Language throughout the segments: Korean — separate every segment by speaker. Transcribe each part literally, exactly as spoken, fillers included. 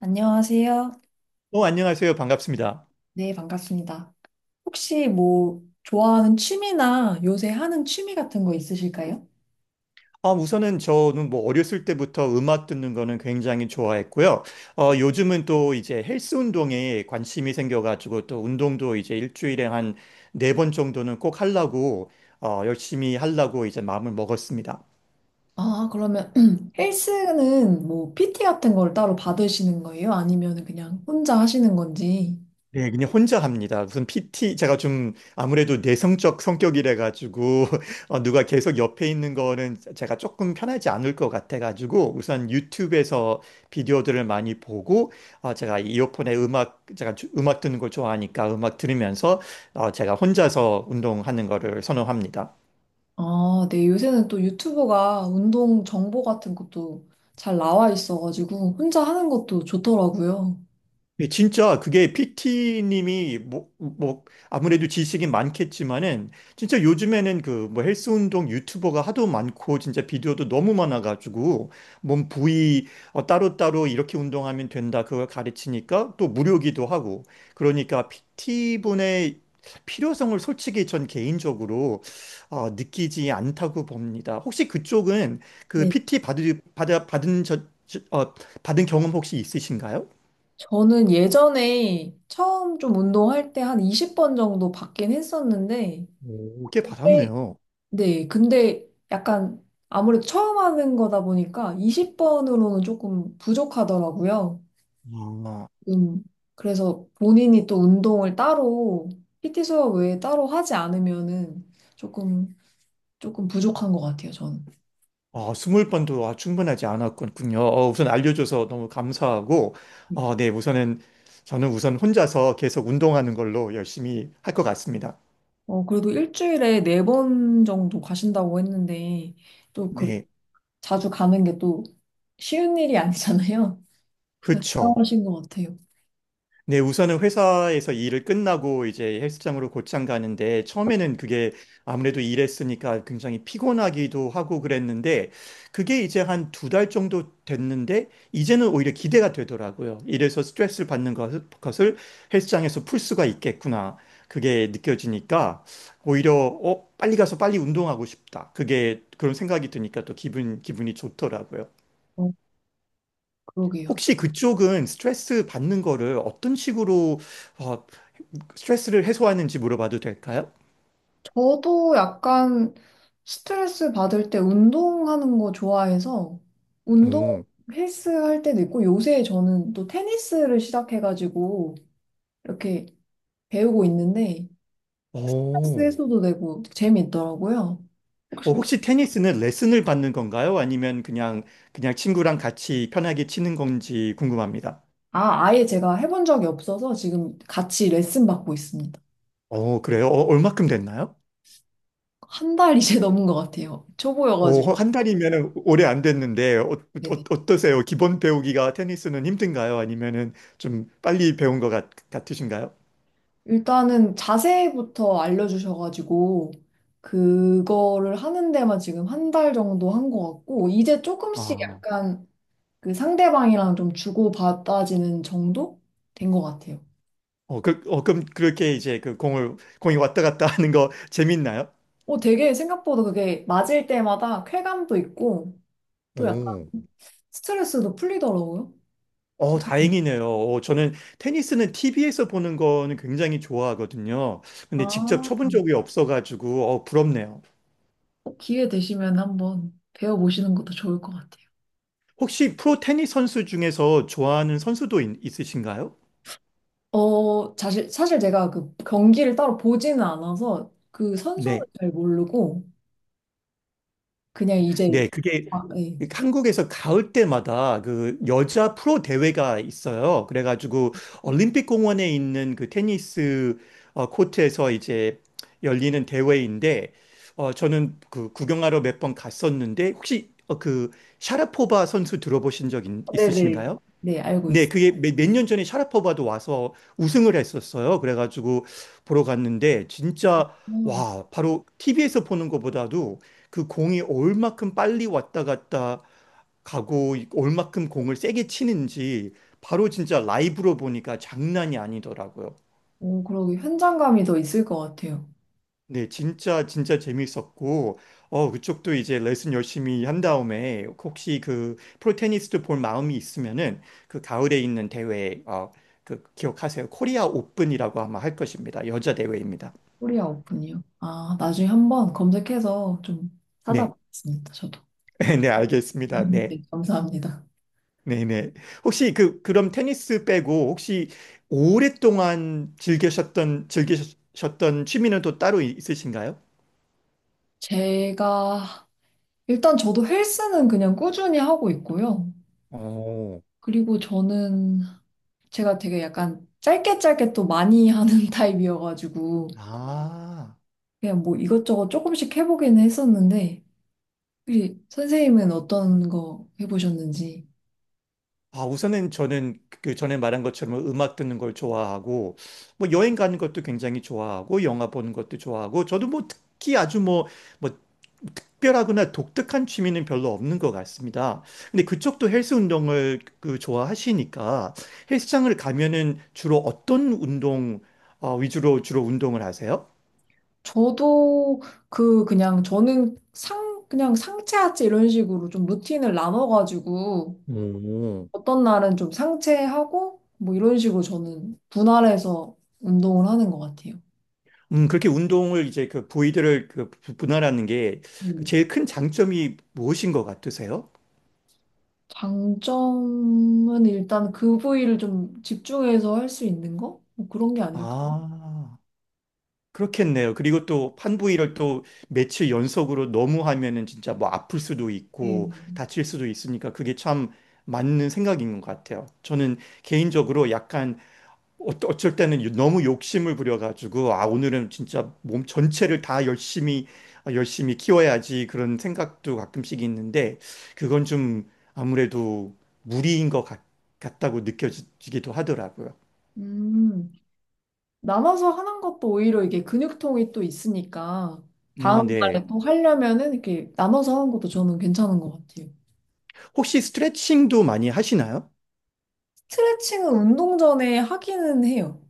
Speaker 1: 안녕하세요.
Speaker 2: 어, 안녕하세요. 반갑습니다.
Speaker 1: 네, 반갑습니다. 혹시 뭐 좋아하는 취미나 요새 하는 취미 같은 거 있으실까요?
Speaker 2: 아, 우선은 저는 뭐 어렸을 때부터 음악 듣는 거는 굉장히 좋아했고요. 어, 요즘은 또 이제 헬스 운동에 관심이 생겨가지고 또 운동도 이제 일주일에 한 네 번 정도는 꼭 하려고, 어, 열심히 하려고 이제 마음을 먹었습니다.
Speaker 1: 아, 그러면 헬스는 뭐 피티 같은 걸 따로 받으시는 거예요? 아니면 그냥 혼자 하시는 건지?
Speaker 2: 네, 그냥 혼자 합니다. 무슨 피티, 제가 좀 아무래도 내성적 성격이라 가지고, 어, 누가 계속 옆에 있는 거는 제가 조금 편하지 않을 것 같아 가지고, 우선 유튜브에서 비디오들을 많이 보고, 어, 제가 이어폰에 음악, 제가 주- 음악 듣는 걸 좋아하니까 음악 들으면서, 어, 제가 혼자서 운동하는 거를 선호합니다.
Speaker 1: 아, 네, 요새는 또 유튜브가 운동 정보 같은 것도 잘 나와 있어가지고 혼자 하는 것도 좋더라고요.
Speaker 2: 예, 진짜 그게 피티님이 뭐, 뭐 아무래도 지식이 많겠지만은 진짜 요즘에는 그 뭐 헬스 운동 유튜버가 하도 많고 진짜 비디오도 너무 많아가지고 몸 부위 어, 따로따로 이렇게 운동하면 된다 그걸 가르치니까 또 무료기도 하고 그러니까 피티분의 필요성을 솔직히 전 개인적으로 어, 느끼지 않다고 봅니다. 혹시 그쪽은 그
Speaker 1: 네,
Speaker 2: 피티 받으, 받아, 받은 저, 저- 어, 받은 경험 혹시 있으신가요?
Speaker 1: 저는 예전에 처음 좀 운동할 때 한 이십 번 정도 받긴 했었는데
Speaker 2: 오, 꽤
Speaker 1: 그때,
Speaker 2: 받았네요.
Speaker 1: 네, 근데 약간 아무래도 처음 하는 거다 보니까 이십 번으로는 조금 부족하더라고요.
Speaker 2: 아,
Speaker 1: 음, 그래서 본인이 또 운동을 따로, 피티 수업 외에 따로 하지 않으면은 조금, 조금 부족한 것 같아요, 저는.
Speaker 2: 아, 스무 번도 아, 충분하지 않았군요. 어, 우선 알려줘서 너무 감사하고,
Speaker 1: 네.
Speaker 2: 어, 네, 우선은, 저는 우선 혼자서 계속 운동하는 걸로 열심히 할 것 같습니다.
Speaker 1: 어, 그래도 일주일에 네 번 정도 가신다고 했는데, 또 그,
Speaker 2: 네,
Speaker 1: 자주 가는 게 또 쉬운 일이 아니잖아요. 그러니까
Speaker 2: 그쵸.
Speaker 1: 대단하신 것 같아요.
Speaker 2: 네, 우선은 회사에서 일을 끝나고 이제 헬스장으로 곧장 가는데 처음에는 그게 아무래도 일했으니까 굉장히 피곤하기도 하고 그랬는데 그게 이제 한 두 달 정도 됐는데 이제는 오히려 기대가 되더라고요. 이래서 스트레스를 받는 것- 것을 헬스장에서 풀 수가 있겠구나. 그게 느껴지니까 오히려 어, 빨리 가서 빨리 운동하고 싶다. 그게 그런 생각이 드니까 또 기분, 기분이 좋더라고요.
Speaker 1: 어, 그러게요.
Speaker 2: 혹시 그쪽은 스트레스 받는 거를 어떤 식으로 어, 스트레스를 해소하는지 물어봐도 될까요?
Speaker 1: 저도 약간 스트레스 받을 때 운동하는 거 좋아해서 운동,
Speaker 2: 오,
Speaker 1: 헬스 할 때도 있고, 요새 저는 또 테니스를 시작해가지고 이렇게 배우고 있는데 스트레스
Speaker 2: 오,
Speaker 1: 해소도 되고 재미있더라고요.
Speaker 2: 어,
Speaker 1: 혹시,
Speaker 2: 혹시 테니스는 레슨을 받는 건가요? 아니면 그냥 그냥 친구랑 같이 편하게 치는 건지 궁금합니다.
Speaker 1: 아, 아예 제가 해본 적이 없어서 지금 같이 레슨 받고 있습니다.
Speaker 2: 어, 그래요? 어, 얼마큼 됐나요?
Speaker 1: 한 달 이제 넘은 것 같아요. 초보여가지고.
Speaker 2: 어, 한 달이면 오래 안 됐는데 어, 어, 떠세요 기본 배우기가 테니스는 힘든가요? 아니면은 좀 빨리 배운 것 같, 같으신가요?
Speaker 1: 일단은 자세부터 알려주셔가지고, 그거를 하는 데만 지금 한 달 정도 한 것 같고, 이제 조금씩
Speaker 2: 아,
Speaker 1: 약간 그 상대방이랑 좀 주고받아지는 정도 된 것 같아요.
Speaker 2: 어, 그, 럼 그렇게 이제 그 공을 공이 왔다 갔다 하는 거 재밌나요?
Speaker 1: 어, 되게 생각보다 그게 맞을 때마다 쾌감도 있고, 또 약간
Speaker 2: 오.
Speaker 1: 스트레스도 풀리더라고요.
Speaker 2: 어,
Speaker 1: 재밌-
Speaker 2: 다행이네요. 어, 저는 테니스는 티비에서 보는 거는 굉장히 좋아하거든요. 근데
Speaker 1: 아,
Speaker 2: 직접 쳐본 적이 없어가지고, 어, 부럽네요.
Speaker 1: 꼭 기회 되시면 한번 배워보시는 것도 좋을 것 같아요.
Speaker 2: 혹시 프로 테니스 선수 중에서 좋아하는 선수도 있, 있으신가요?
Speaker 1: 어, 사실, 사실 제가 그 경기를 따로 보지는 않아서 그 선수는
Speaker 2: 네.
Speaker 1: 잘 모르고 그냥 이제,
Speaker 2: 네, 그게
Speaker 1: 아, 네.
Speaker 2: 한국에서 가을 때마다 그 여자 프로 대회가 있어요. 그래가지고 올림픽 공원에 있는 그 테니스 어, 코트에서 이제 열리는 대회인데, 어, 저는 그 구경하러 몇 번 갔었는데, 혹시 어, 그 샤라포바 선수 들어보신 적 있-
Speaker 1: 네네.
Speaker 2: 있으신가요?
Speaker 1: 네, 알고
Speaker 2: 네,
Speaker 1: 있어요.
Speaker 2: 그게 몇 년 전에 샤라포바도 와서 우승을 했었어요. 그래가지고 보러 갔는데 진짜
Speaker 1: 어,
Speaker 2: 와, 바로 티비에서 보는 것보다도 그 공이 얼만큼 빨리 왔다 갔다 가고 얼만큼 공을 세게 치는지 바로 진짜 라이브로 보니까 장난이 아니더라고요.
Speaker 1: 오, 그러고 현장감이 더 있을 것 같아요.
Speaker 2: 네, 진짜 진짜 재밌었고 어 그쪽도 이제 레슨 열심히 한 다음에 혹시 그 프로테니스도 볼 마음이 있으면은 그 가을에 있는 대회 어그 기억하세요. 코리아 오픈이라고 아마 할 것입니다. 여자 대회입니다.
Speaker 1: 코리아 오픈이요. 아, 나중에 한번 검색해서 좀
Speaker 2: 네.
Speaker 1: 찾아보겠습니다, 저도.
Speaker 2: 네, 알겠습니다. 네.
Speaker 1: 네, 감사합니다.
Speaker 2: 네, 네. 혹시 그 그럼 테니스 빼고 혹시 오랫동안 즐기셨던 즐기셨던 취미는 또 따로 있으신가요?
Speaker 1: 제가, 일단 저도 헬스는 그냥 꾸준히 하고 있고요.
Speaker 2: 오.
Speaker 1: 그리고 저는 제가 되게 약간 짧게 짧게 또 많이 하는 타입이어가지고,
Speaker 2: 아.
Speaker 1: 그냥 뭐 이것저것 조금씩 해보기는 했었는데, 우리 선생님은 어떤 거 해보셨는지.
Speaker 2: 아, 우선은 저는 그 전에 말한 것처럼 음악 듣는 걸 좋아하고, 뭐 여행 가는 것도 굉장히 좋아하고, 영화 보는 것도 좋아하고, 저도 뭐 특히 아주 뭐, 뭐 특별하거나 독특한 취미는 별로 없는 것 같습니다. 근데 그쪽도 헬스 운동을 그 좋아하시니까 헬스장을 가면은 주로 어떤 운동 어, 위주로 주로 운동을 하세요?
Speaker 1: 저도 그, 그냥 저는 상 그냥 상체 하체 이런 식으로 좀 루틴을 나눠가지고
Speaker 2: 오.
Speaker 1: 어떤 날은 좀 상체하고 뭐 이런 식으로 저는 분할해서 운동을 하는 것 같아요.
Speaker 2: 음, 그렇게 운동을 이제 그 부위들을 그 분할하는 게그
Speaker 1: 음.
Speaker 2: 제일 큰 장점이 무엇인 것 같으세요?
Speaker 1: 장점은 일단 그 부위를 좀 집중해서 할 수 있는 거? 뭐 그런 게 아닐까요?
Speaker 2: 아, 그렇겠네요. 그리고 또 판부위를 또 며칠 연속으로 너무 하면은 진짜 뭐 아플 수도
Speaker 1: 네.
Speaker 2: 있고 다칠 수도 있으니까 그게 참 맞는 생각인 것 같아요. 저는 개인적으로 약간 어- 어쩔 때는 요- 너무 욕심을 부려가지고 아, 오늘은 진짜 몸 전체를 다 열심히 아, 열심히 키워야지 그런 생각도 가끔씩 있는데 그건 좀 아무래도 무리인 것 같, 같다고 느껴지기도 하더라고요.
Speaker 1: 음. 나눠서 하는 것도 오히려 이게 근육통이 또 있으니까
Speaker 2: 아,
Speaker 1: 다음
Speaker 2: 네.
Speaker 1: 날에 또 하려면은 이렇게 나눠서 하는 것도 저는 괜찮은 것 같아요.
Speaker 2: 혹시 스트레칭도 많이 하시나요?
Speaker 1: 스트레칭은 운동 전에 하기는 해요.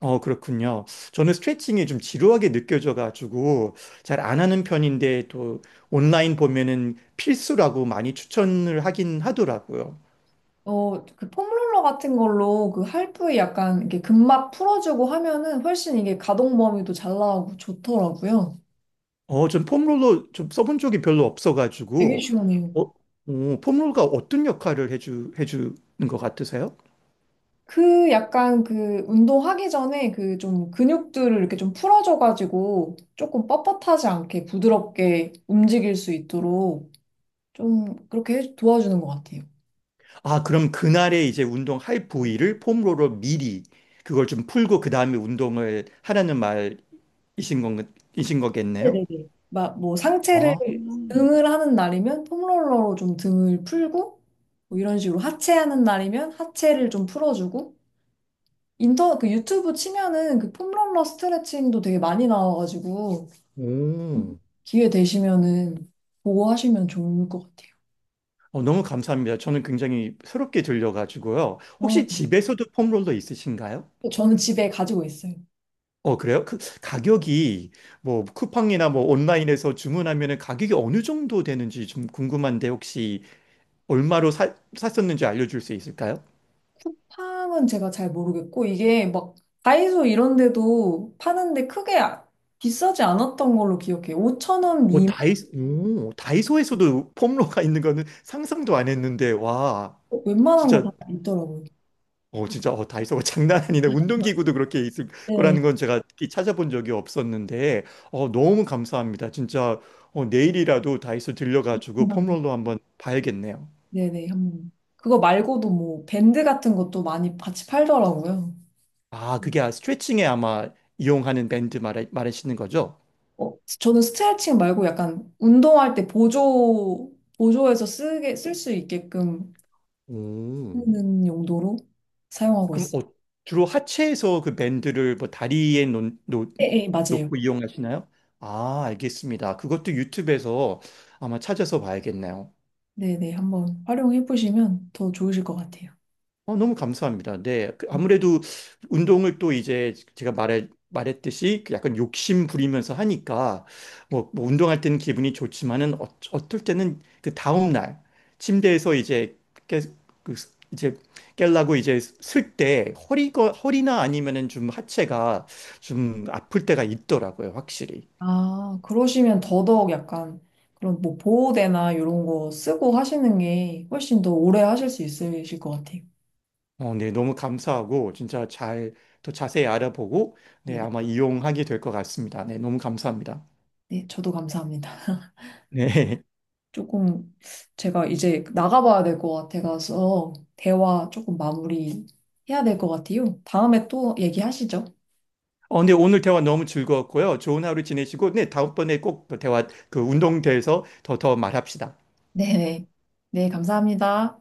Speaker 2: 어, 그렇군요. 저는 스트레칭이 좀 지루하게 느껴져가지고 잘 안 하는 편인데 또 온라인 보면은 필수라고 많이 추천을 하긴 하더라고요.
Speaker 1: 어, 그 폼롤러 같은 걸로 그 할부에 약간 이렇게 근막 풀어주고 하면은 훨씬 이게 가동 범위도 잘 나오고 좋더라고요.
Speaker 2: 어, 전 폼롤러 좀 써본 적이 별로
Speaker 1: 되게
Speaker 2: 없어가지고
Speaker 1: 시원해요.
Speaker 2: 어, 어, 폼롤러가 어떤 역할을 해주, 해주는 것 같으세요?
Speaker 1: 그 약간 그 운동하기 전에 그 좀 근육들을 이렇게 좀 풀어줘가지고 조금 뻣뻣하지 않게 부드럽게 움직일 수 있도록 좀 그렇게 도와주는 것 같아요.
Speaker 2: 아, 그럼 그날에 이제 운동할 부위를 폼롤러 미리 그걸 좀 풀고 그 다음에 운동을 하라는 말이신 건, 이신 거겠네요?
Speaker 1: 네네네. 막 뭐 상체를,
Speaker 2: 아,
Speaker 1: 등을 하는 날이면 폼롤러로 좀 등을 풀고 뭐 이런 식으로 하체 하는 날이면 하체를 좀 풀어주고, 인터, 그 유튜브 치면은 그 폼롤러 스트레칭도 되게 많이 나와가지고
Speaker 2: 오,
Speaker 1: 기회 되시면은 보고 하시면 좋을 것 같아요.
Speaker 2: 어, 너무 감사합니다. 저는 굉장히 새롭게 들려가지고요.
Speaker 1: 어,
Speaker 2: 혹시 집에서도 폼롤러 있으신가요?
Speaker 1: 저는 집에 가지고 있어요.
Speaker 2: 어, 그래요? 그 가격이 뭐 쿠팡이나 뭐 온라인에서 주문하면은 가격이 어느 정도 되는지 좀 궁금한데 혹시 얼마로 사, 샀었는지 알려줄 수 있을까요?
Speaker 1: 향은 제가 잘 모르겠고, 이게 막 다이소 이런 데도 파는데 크게 아- 비싸지 않았던 걸로 기억해요. 오천 원
Speaker 2: 오,
Speaker 1: 미만?
Speaker 2: 다이소, 오, 다이소에서도 폼롤러가 있는 거는 상상도 안 했는데 와,
Speaker 1: 웬만한 거 다
Speaker 2: 진짜
Speaker 1: 있더라고요.
Speaker 2: 어, 진짜, 어, 다이소가 장난 아니네. 운동기구도 그렇게 있을
Speaker 1: 네.
Speaker 2: 거라는 건 제가 특히 찾아본 적이 없었는데, 어, 너무 감사합니다. 진짜, 어, 내일이라도 다이소 들려가지고
Speaker 1: 음.
Speaker 2: 폼롤러 한번 봐야겠네요.
Speaker 1: 네네, 한번. 그거 말고도 뭐 밴드 같은 것도 많이 같이 팔더라고요.
Speaker 2: 아, 그게 아- 스트레칭에 아마 이용하는 밴드 말하, 말하시는 거죠?
Speaker 1: 어, 저는 스트레칭 말고 약간 운동할 때 보조, 보조해서 쓰게, 쓸 수 있게끔
Speaker 2: 오.
Speaker 1: 쓰는 용도로 사용하고
Speaker 2: 그럼,
Speaker 1: 있어요.
Speaker 2: 어, 주로 하체에서 그 밴드를 뭐 다리에 놓, 놓,
Speaker 1: 네, 네, 맞아요.
Speaker 2: 놓고 이용하시나요? 아, 알겠습니다. 그것도 유튜브에서 아마 찾아서 봐야겠네요.
Speaker 1: 네네, 한번 활용해 보시면 더 좋으실 것 같아요.
Speaker 2: 어, 너무 감사합니다. 네. 그 아무래도 운동을 또 이제 제가 말해, 말했듯이 그 약간 욕심 부리면서 하니까 뭐, 뭐 운동할 때는 기분이 좋지만은 어, 어떨 때는 그 다음날 침대에서 이제 깨, 그, 스- 이제 깨려고 이제 쓸 때 허리가, 허리나 아니면은 좀 하체가 좀 아플 때가 있더라고요. 확실히.
Speaker 1: 아, 그러시면 더더욱 약간 그런 뭐 보호대나 이런 거 쓰고 하시는 게 훨씬 더 오래 하실 수 있으실 것 같아요.
Speaker 2: 어, 네. 너무 감사하고 진짜 잘 더 자세히 알아보고
Speaker 1: 네,
Speaker 2: 네.
Speaker 1: 네.
Speaker 2: 아마 이용하게 될 것 같습니다. 네. 너무 감사합니다.
Speaker 1: 네, 저도 감사합니다.
Speaker 2: 네.
Speaker 1: 조금 제가 이제 나가봐야 될 것 같아서 대화 조금 마무리 해야 될 것 같아요. 다음에 또 얘기하시죠.
Speaker 2: 어, 네, 오늘 대화 너무 즐거웠고요. 좋은 하루 지내시고, 네, 다음번에 꼭 대화, 그 운동대에서 더, 더 말합시다.
Speaker 1: 네네. 네, 네, 감사합니다.